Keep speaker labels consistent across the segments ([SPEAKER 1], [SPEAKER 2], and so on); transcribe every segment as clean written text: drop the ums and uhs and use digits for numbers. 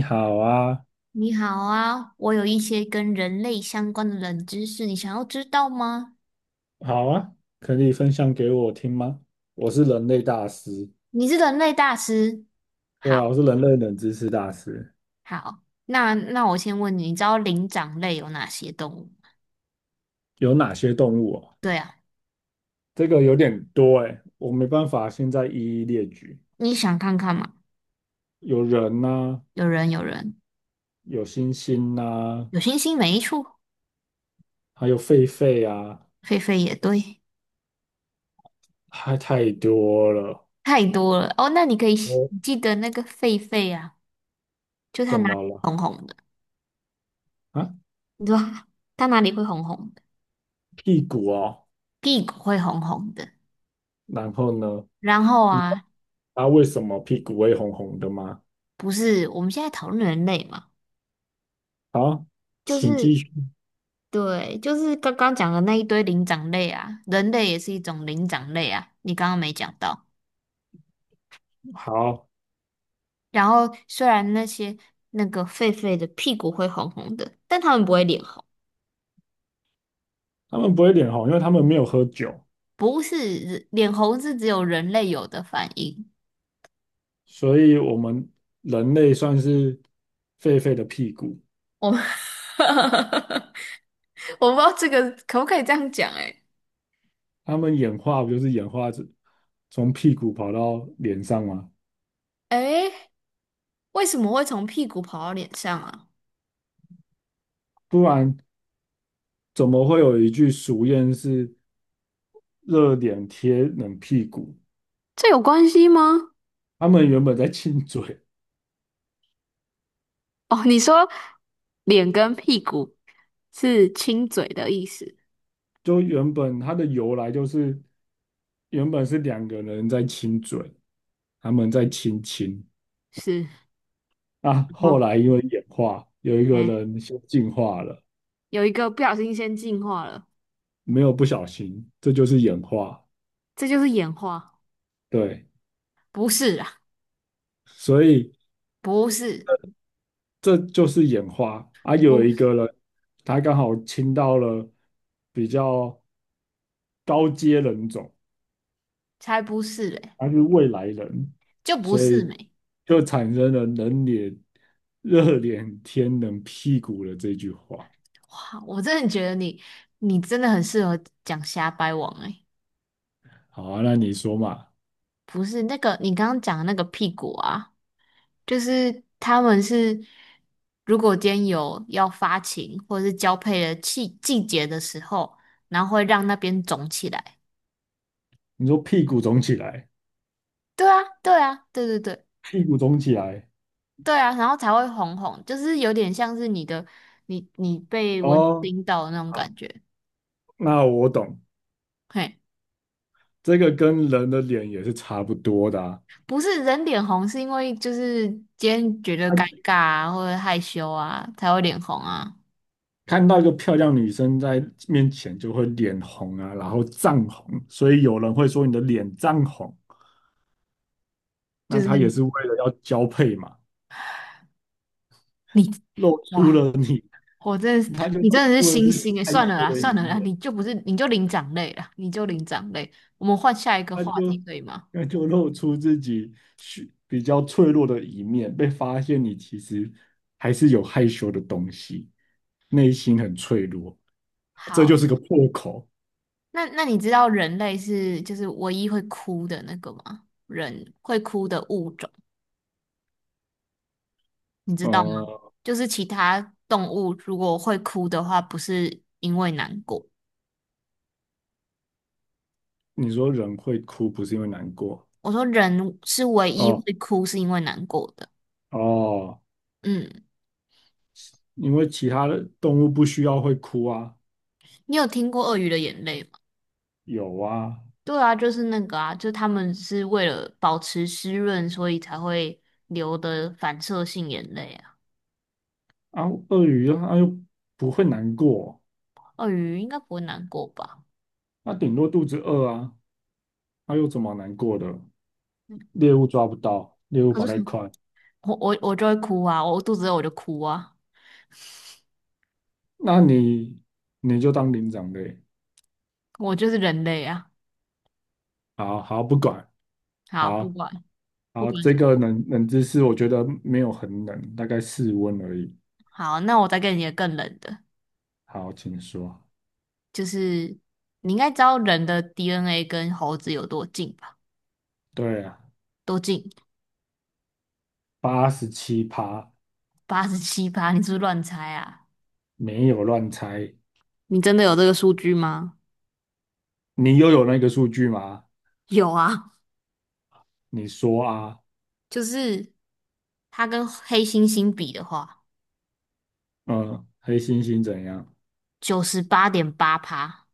[SPEAKER 1] 你好啊，
[SPEAKER 2] 你好啊，我有一些跟人类相关的冷知识，你想要知道吗？
[SPEAKER 1] 好啊，可以分享给我听吗？我是人类大师，
[SPEAKER 2] 你是人类大师。
[SPEAKER 1] 对啊，我
[SPEAKER 2] 好，
[SPEAKER 1] 是人类冷知识大师。
[SPEAKER 2] 好，那我先问你，你知道灵长类有哪些动物吗？
[SPEAKER 1] 有哪些动物哦？
[SPEAKER 2] 对啊，
[SPEAKER 1] 这个有点多哎，我没办法现在一一列举。
[SPEAKER 2] 你想看看吗？
[SPEAKER 1] 有人呐、
[SPEAKER 2] 有人，有人，
[SPEAKER 1] 有猩猩呐、
[SPEAKER 2] 有星星没错，
[SPEAKER 1] 还有狒狒啊，
[SPEAKER 2] 狒狒也对，
[SPEAKER 1] 还太多了。
[SPEAKER 2] 太多了哦。那你可以
[SPEAKER 1] 哦，
[SPEAKER 2] 你记得那个狒狒啊，就它
[SPEAKER 1] 怎
[SPEAKER 2] 哪里
[SPEAKER 1] 么了？
[SPEAKER 2] 红红的，
[SPEAKER 1] 啊，
[SPEAKER 2] 你说道它哪里会红红的？
[SPEAKER 1] 屁股哦。
[SPEAKER 2] 屁股会红红的。
[SPEAKER 1] 然后呢？
[SPEAKER 2] 然后
[SPEAKER 1] 你知
[SPEAKER 2] 啊，
[SPEAKER 1] 道为什么屁股会红红的吗？
[SPEAKER 2] 不是我们现在讨论人类嘛，
[SPEAKER 1] 好，
[SPEAKER 2] 就
[SPEAKER 1] 请继
[SPEAKER 2] 是
[SPEAKER 1] 续。
[SPEAKER 2] 刚刚讲的那一堆灵长类啊，人类也是一种灵长类啊，你刚刚没讲到。
[SPEAKER 1] 好。
[SPEAKER 2] 然后虽然那个狒狒的屁股会红红的，但他们不会脸红，
[SPEAKER 1] 他们不会脸红，因为他们没有喝酒，
[SPEAKER 2] 不是人脸红是只有人类有的反应。
[SPEAKER 1] 所以我们人类算是狒狒的屁股。
[SPEAKER 2] 我们 我不知道这个可不可以这样讲、欸，
[SPEAKER 1] 他们演化不就是演化成从屁股跑到脸上吗？
[SPEAKER 2] 诶诶，为什么会从屁股跑到脸上啊？
[SPEAKER 1] 不然怎么会有一句俗谚是"热脸贴冷屁股"？
[SPEAKER 2] 这有关系吗？
[SPEAKER 1] 他们原本在亲嘴，
[SPEAKER 2] 哦，你说脸跟屁股是亲嘴的意思，
[SPEAKER 1] 就原本它的由来就是原本是两个人在亲嘴，他们在亲亲。
[SPEAKER 2] 是。
[SPEAKER 1] 啊。
[SPEAKER 2] 哦，
[SPEAKER 1] 后来因为演化，有一个
[SPEAKER 2] 哎，
[SPEAKER 1] 人先进化了。
[SPEAKER 2] 有一个不小心先进化了，
[SPEAKER 1] 没有不小心，这就是演化。
[SPEAKER 2] 这就是演化。
[SPEAKER 1] 对，
[SPEAKER 2] 不是啊，
[SPEAKER 1] 所以
[SPEAKER 2] 不是，
[SPEAKER 1] 这就是演化啊。有
[SPEAKER 2] 不，
[SPEAKER 1] 一个人，他刚好亲到了比较高阶人种，
[SPEAKER 2] 才不是嘞，
[SPEAKER 1] 他是未来人，
[SPEAKER 2] 就不
[SPEAKER 1] 所
[SPEAKER 2] 是
[SPEAKER 1] 以
[SPEAKER 2] 美。
[SPEAKER 1] 就产生了"人脸热脸贴冷屁股"的这句话。
[SPEAKER 2] 哇，我真的觉得你，你真的很适合讲瞎掰王哎，
[SPEAKER 1] 好啊，那你说嘛？
[SPEAKER 2] 不是那个你刚刚讲的那个屁股啊，就是他们是，如果今天有要发情或者是交配的季节的时候，然后会让那边肿起来。
[SPEAKER 1] 你说屁股肿起来，
[SPEAKER 2] 对啊，对啊，对对对。
[SPEAKER 1] 屁股肿起来
[SPEAKER 2] 对啊，然后才会红红，就是有点像是你的你你被蚊子
[SPEAKER 1] 哦。
[SPEAKER 2] 叮到的那种
[SPEAKER 1] 好，
[SPEAKER 2] 感觉。
[SPEAKER 1] 那我懂，
[SPEAKER 2] 嘿，
[SPEAKER 1] 这个跟人的脸也是差不多的啊。啊
[SPEAKER 2] 不是人脸红，是因为今天觉得尴尬啊，或者害羞啊，才会脸红啊。
[SPEAKER 1] 看到一个漂亮女生在面前就会脸红啊，然后涨红，所以有人会说你的脸涨红，
[SPEAKER 2] 就
[SPEAKER 1] 那
[SPEAKER 2] 是
[SPEAKER 1] 他也是为了要交配嘛，
[SPEAKER 2] 你，
[SPEAKER 1] 露出
[SPEAKER 2] 哇，
[SPEAKER 1] 了你，
[SPEAKER 2] 我真的是，
[SPEAKER 1] 他就
[SPEAKER 2] 你
[SPEAKER 1] 露
[SPEAKER 2] 真的是
[SPEAKER 1] 出了
[SPEAKER 2] 星
[SPEAKER 1] 自己
[SPEAKER 2] 星诶，
[SPEAKER 1] 害
[SPEAKER 2] 算了
[SPEAKER 1] 羞
[SPEAKER 2] 啦，
[SPEAKER 1] 的一
[SPEAKER 2] 算了啦，
[SPEAKER 1] 面，
[SPEAKER 2] 你就不是，你就灵长类啦，你就灵长类。我们换下一个
[SPEAKER 1] 他
[SPEAKER 2] 话
[SPEAKER 1] 就
[SPEAKER 2] 题可以吗？
[SPEAKER 1] 那就露出自己比较脆弱的一面，被发现你其实还是有害羞的东西，内心很脆弱，这
[SPEAKER 2] 好，
[SPEAKER 1] 就是个破口。
[SPEAKER 2] 那你知道人类是唯一会哭的那个吗？人会哭的物种。你知道吗？
[SPEAKER 1] 呃，
[SPEAKER 2] 就是其他动物如果会哭的话，不是因为难过。
[SPEAKER 1] 你说人会哭不是因为难过
[SPEAKER 2] 我说人是唯一
[SPEAKER 1] 哦
[SPEAKER 2] 会哭是因为难过的。
[SPEAKER 1] 哦。哦
[SPEAKER 2] 嗯，
[SPEAKER 1] 因为其他的动物不需要会哭啊，
[SPEAKER 2] 你有听过鳄鱼的眼泪吗？
[SPEAKER 1] 有啊，
[SPEAKER 2] 对啊，就是那个啊，就他们是为了保持湿润，所以才会流的反射性眼泪啊。
[SPEAKER 1] 啊，鳄鱼啊它又不会难过，
[SPEAKER 2] 鳄鱼应该不会难过吧？
[SPEAKER 1] 它顶多肚子饿啊，它又怎么难过的？
[SPEAKER 2] 嗯，
[SPEAKER 1] 猎物抓不到，猎物
[SPEAKER 2] 可
[SPEAKER 1] 跑
[SPEAKER 2] 是
[SPEAKER 1] 太快，
[SPEAKER 2] 我就会哭啊，我肚子饿我就哭啊，
[SPEAKER 1] 那你就当领长呗。
[SPEAKER 2] 我就是人类啊。
[SPEAKER 1] 好好不管，
[SPEAKER 2] 好，不
[SPEAKER 1] 好
[SPEAKER 2] 管不
[SPEAKER 1] 好
[SPEAKER 2] 管
[SPEAKER 1] 这
[SPEAKER 2] 什么，
[SPEAKER 1] 个冷知识我觉得没有很冷，大概室温而已。
[SPEAKER 2] 好，那我再给你一个更冷的。
[SPEAKER 1] 好，请说。
[SPEAKER 2] 就是你应该知道人的 DNA 跟猴子有多近吧？
[SPEAKER 1] 对啊，
[SPEAKER 2] 多近？
[SPEAKER 1] 87趴，
[SPEAKER 2] 87趴，你是不是乱猜啊？
[SPEAKER 1] 没有乱猜。
[SPEAKER 2] 你真的有这个数据吗？
[SPEAKER 1] 你又有那个数据吗？
[SPEAKER 2] 有啊，
[SPEAKER 1] 你说啊。
[SPEAKER 2] 就是它跟黑猩猩比的话，
[SPEAKER 1] 嗯，黑猩猩怎样？
[SPEAKER 2] 98.8趴，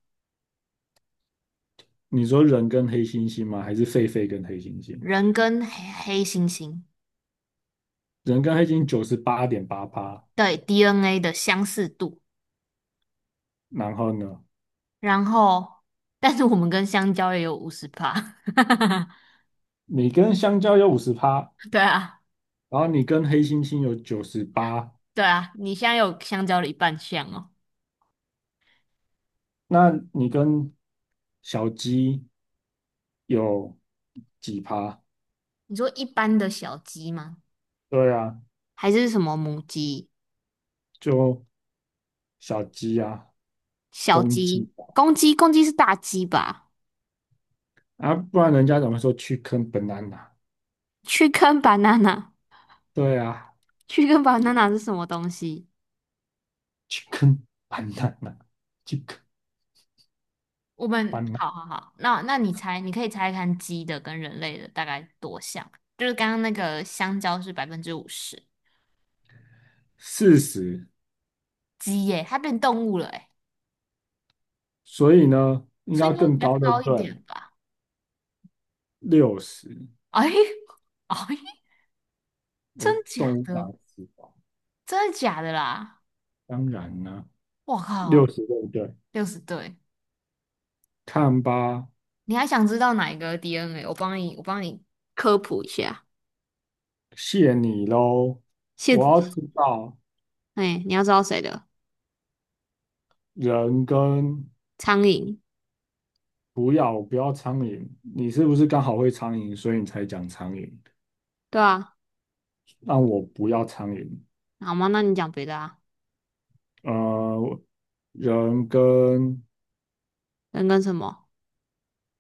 [SPEAKER 1] 你说人跟黑猩猩吗？还是狒狒跟黑猩猩？
[SPEAKER 2] 人跟黑猩猩
[SPEAKER 1] 人跟黑猩猩98.8趴，
[SPEAKER 2] 对 DNA 的相似度，
[SPEAKER 1] 然后呢，
[SPEAKER 2] 然后但是我们跟香蕉也有50趴，
[SPEAKER 1] 你跟香蕉有50趴，
[SPEAKER 2] 对啊，
[SPEAKER 1] 然后你跟黑猩猩有九十八，
[SPEAKER 2] 对啊，你现在有香蕉的一半像哦。
[SPEAKER 1] 那你跟小鸡有几趴？
[SPEAKER 2] 你说一般的小鸡吗？
[SPEAKER 1] 对啊，
[SPEAKER 2] 还是什么母鸡、
[SPEAKER 1] 就小鸡啊，
[SPEAKER 2] 小
[SPEAKER 1] 公
[SPEAKER 2] 鸡、
[SPEAKER 1] 鸡
[SPEAKER 2] 公鸡？公鸡是大鸡吧？
[SPEAKER 1] 啊，啊不然人家怎么说去坑 banana？
[SPEAKER 2] 去跟 banana，
[SPEAKER 1] 对啊
[SPEAKER 2] 去跟 banana 是什么东西？
[SPEAKER 1] 去坑 b a n a n a 去坑
[SPEAKER 2] 我 们好
[SPEAKER 1] banana，
[SPEAKER 2] 好好，那你猜，你可以猜看鸡的跟人类的大概多像？就是刚刚那个香蕉是50%，
[SPEAKER 1] 40。
[SPEAKER 2] 鸡耶，它变动物了哎，
[SPEAKER 1] 所以呢，应
[SPEAKER 2] 所
[SPEAKER 1] 该
[SPEAKER 2] 以
[SPEAKER 1] 要
[SPEAKER 2] 应该会比
[SPEAKER 1] 更
[SPEAKER 2] 较
[SPEAKER 1] 高，对不
[SPEAKER 2] 高一
[SPEAKER 1] 对？
[SPEAKER 2] 点吧？
[SPEAKER 1] 六十，
[SPEAKER 2] 哎，哎，真
[SPEAKER 1] 我动
[SPEAKER 2] 假
[SPEAKER 1] 物百
[SPEAKER 2] 的？
[SPEAKER 1] 十吧，
[SPEAKER 2] 真的假的啦？
[SPEAKER 1] 当然呢，
[SPEAKER 2] 我
[SPEAKER 1] 六
[SPEAKER 2] 靠，
[SPEAKER 1] 十对不对？
[SPEAKER 2] 60对，
[SPEAKER 1] 看吧，
[SPEAKER 2] 你还想知道哪一个 DNA？我帮你，我帮你，科普一下。
[SPEAKER 1] 谢你喽。
[SPEAKER 2] 现，
[SPEAKER 1] 我要知道
[SPEAKER 2] 哎，你要知道谁的？
[SPEAKER 1] 人跟
[SPEAKER 2] 苍蝇，
[SPEAKER 1] 不要，我不要苍蝇。你是不是刚好会苍蝇，所以你才讲苍蝇？
[SPEAKER 2] 对啊，
[SPEAKER 1] 让我不要苍蝇。
[SPEAKER 2] 好吗？那你讲别的啊，
[SPEAKER 1] 呃，人跟
[SPEAKER 2] 人跟什么？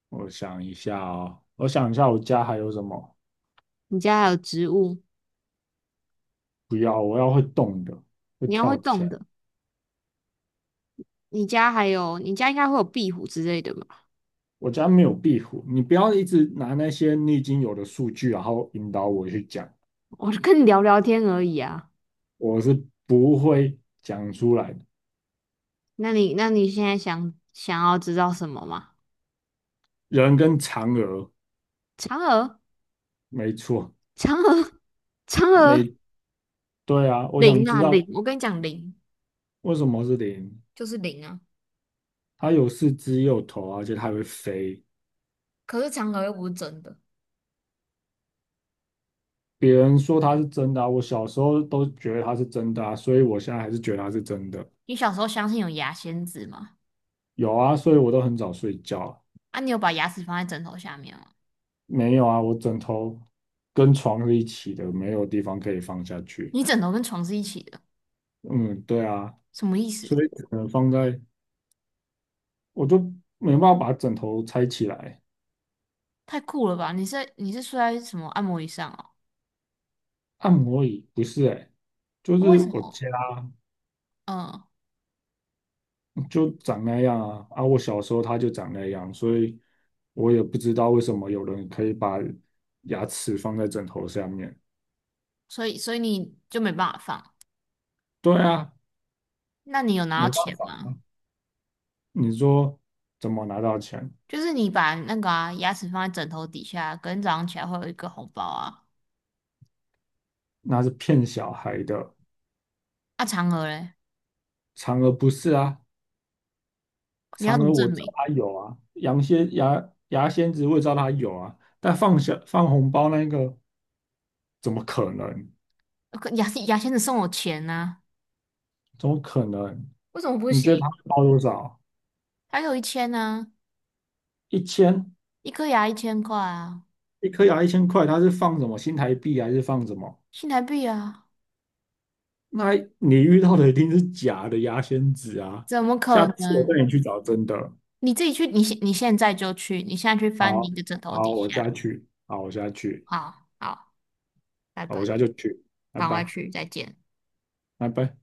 [SPEAKER 1] 我想一下哦，我想一下，我家还有什么？
[SPEAKER 2] 你家还有植物，
[SPEAKER 1] 不要，我要会动的，会
[SPEAKER 2] 你要会
[SPEAKER 1] 跳。起
[SPEAKER 2] 动
[SPEAKER 1] 来。
[SPEAKER 2] 的。你家还有，你家应该会有壁虎之类的吧？
[SPEAKER 1] 我家没有壁虎，你不要一直拿那些你已经有的数据，然后引导我去讲，
[SPEAKER 2] 我就跟你聊聊天而已啊。
[SPEAKER 1] 我是不会讲出来的。
[SPEAKER 2] 那你现在想想要知道什么吗？
[SPEAKER 1] 人跟嫦娥，
[SPEAKER 2] 嫦娥，
[SPEAKER 1] 没错，
[SPEAKER 2] 嫦娥，嫦娥，
[SPEAKER 1] 没，对啊，我想
[SPEAKER 2] 灵
[SPEAKER 1] 知
[SPEAKER 2] 啊
[SPEAKER 1] 道
[SPEAKER 2] 灵！我跟你讲灵
[SPEAKER 1] 为什么是零，
[SPEAKER 2] 就是灵啊。
[SPEAKER 1] 它有四肢也有头啊，而且它还会飞。
[SPEAKER 2] 可是嫦娥又不是真的。
[SPEAKER 1] 别人说它是真的啊，我小时候都觉得它是真的啊，所以我现在还是觉得它是真的。
[SPEAKER 2] 你小时候相信有牙仙子吗？
[SPEAKER 1] 有啊，所以我都很早睡觉啊
[SPEAKER 2] 啊，你有把牙齿放在枕头下面吗？
[SPEAKER 1] 没有啊，我枕头跟床是一起的，没有地方可以放下去。
[SPEAKER 2] 你枕头跟床是一起的，
[SPEAKER 1] 嗯，对啊，
[SPEAKER 2] 什么意思？
[SPEAKER 1] 所以只能放在，我就没办法把枕头拆起来。
[SPEAKER 2] 太酷了吧！你是睡在什么按摩椅上哦？
[SPEAKER 1] 按摩椅不是哎、就
[SPEAKER 2] 为
[SPEAKER 1] 是
[SPEAKER 2] 什
[SPEAKER 1] 我
[SPEAKER 2] 么？
[SPEAKER 1] 家
[SPEAKER 2] 嗯，
[SPEAKER 1] 就长那样啊，啊，我小时候他就长那样，所以我也不知道为什么有人可以把牙齿放在枕头下面。
[SPEAKER 2] 所以你就没办法放。
[SPEAKER 1] 对啊，
[SPEAKER 2] 那你有拿到
[SPEAKER 1] 没办
[SPEAKER 2] 钱
[SPEAKER 1] 法，
[SPEAKER 2] 吗？
[SPEAKER 1] 你说怎么拿到钱？
[SPEAKER 2] 就是你把那个啊牙齿放在枕头底下，隔天早上起来会有一个红包啊。
[SPEAKER 1] 那是骗小孩的，
[SPEAKER 2] 啊，嫦娥嘞，
[SPEAKER 1] 嫦娥不是啊，
[SPEAKER 2] 你要
[SPEAKER 1] 嫦
[SPEAKER 2] 怎么
[SPEAKER 1] 娥我
[SPEAKER 2] 证
[SPEAKER 1] 知道
[SPEAKER 2] 明？
[SPEAKER 1] 它有啊，羊蝎牙牙仙子我也知道它有啊，但放下放红包那个怎么可能？
[SPEAKER 2] 呃，可牙牙仙子送我钱呐、
[SPEAKER 1] 怎么可能？
[SPEAKER 2] 为什么不
[SPEAKER 1] 你觉得
[SPEAKER 2] 行？
[SPEAKER 1] 他会包多少？
[SPEAKER 2] 还有一千呢、
[SPEAKER 1] 一千
[SPEAKER 2] 一颗牙1000块啊，
[SPEAKER 1] 一颗牙1000块，他是放什么新台币还是放什么？
[SPEAKER 2] 新台币啊，
[SPEAKER 1] 那你遇到的一定是假的牙仙子啊！
[SPEAKER 2] 怎么可
[SPEAKER 1] 下次我带
[SPEAKER 2] 能？
[SPEAKER 1] 你去找真的。
[SPEAKER 2] 你自己去，你现在就去，你现在去翻你
[SPEAKER 1] 好，
[SPEAKER 2] 的枕头
[SPEAKER 1] 好，
[SPEAKER 2] 底
[SPEAKER 1] 我下
[SPEAKER 2] 下。
[SPEAKER 1] 去，好，我下去，
[SPEAKER 2] 好好，拜
[SPEAKER 1] 好，我
[SPEAKER 2] 拜。
[SPEAKER 1] 下就去，拜
[SPEAKER 2] 赶快
[SPEAKER 1] 拜，
[SPEAKER 2] 去，再见。
[SPEAKER 1] 拜拜。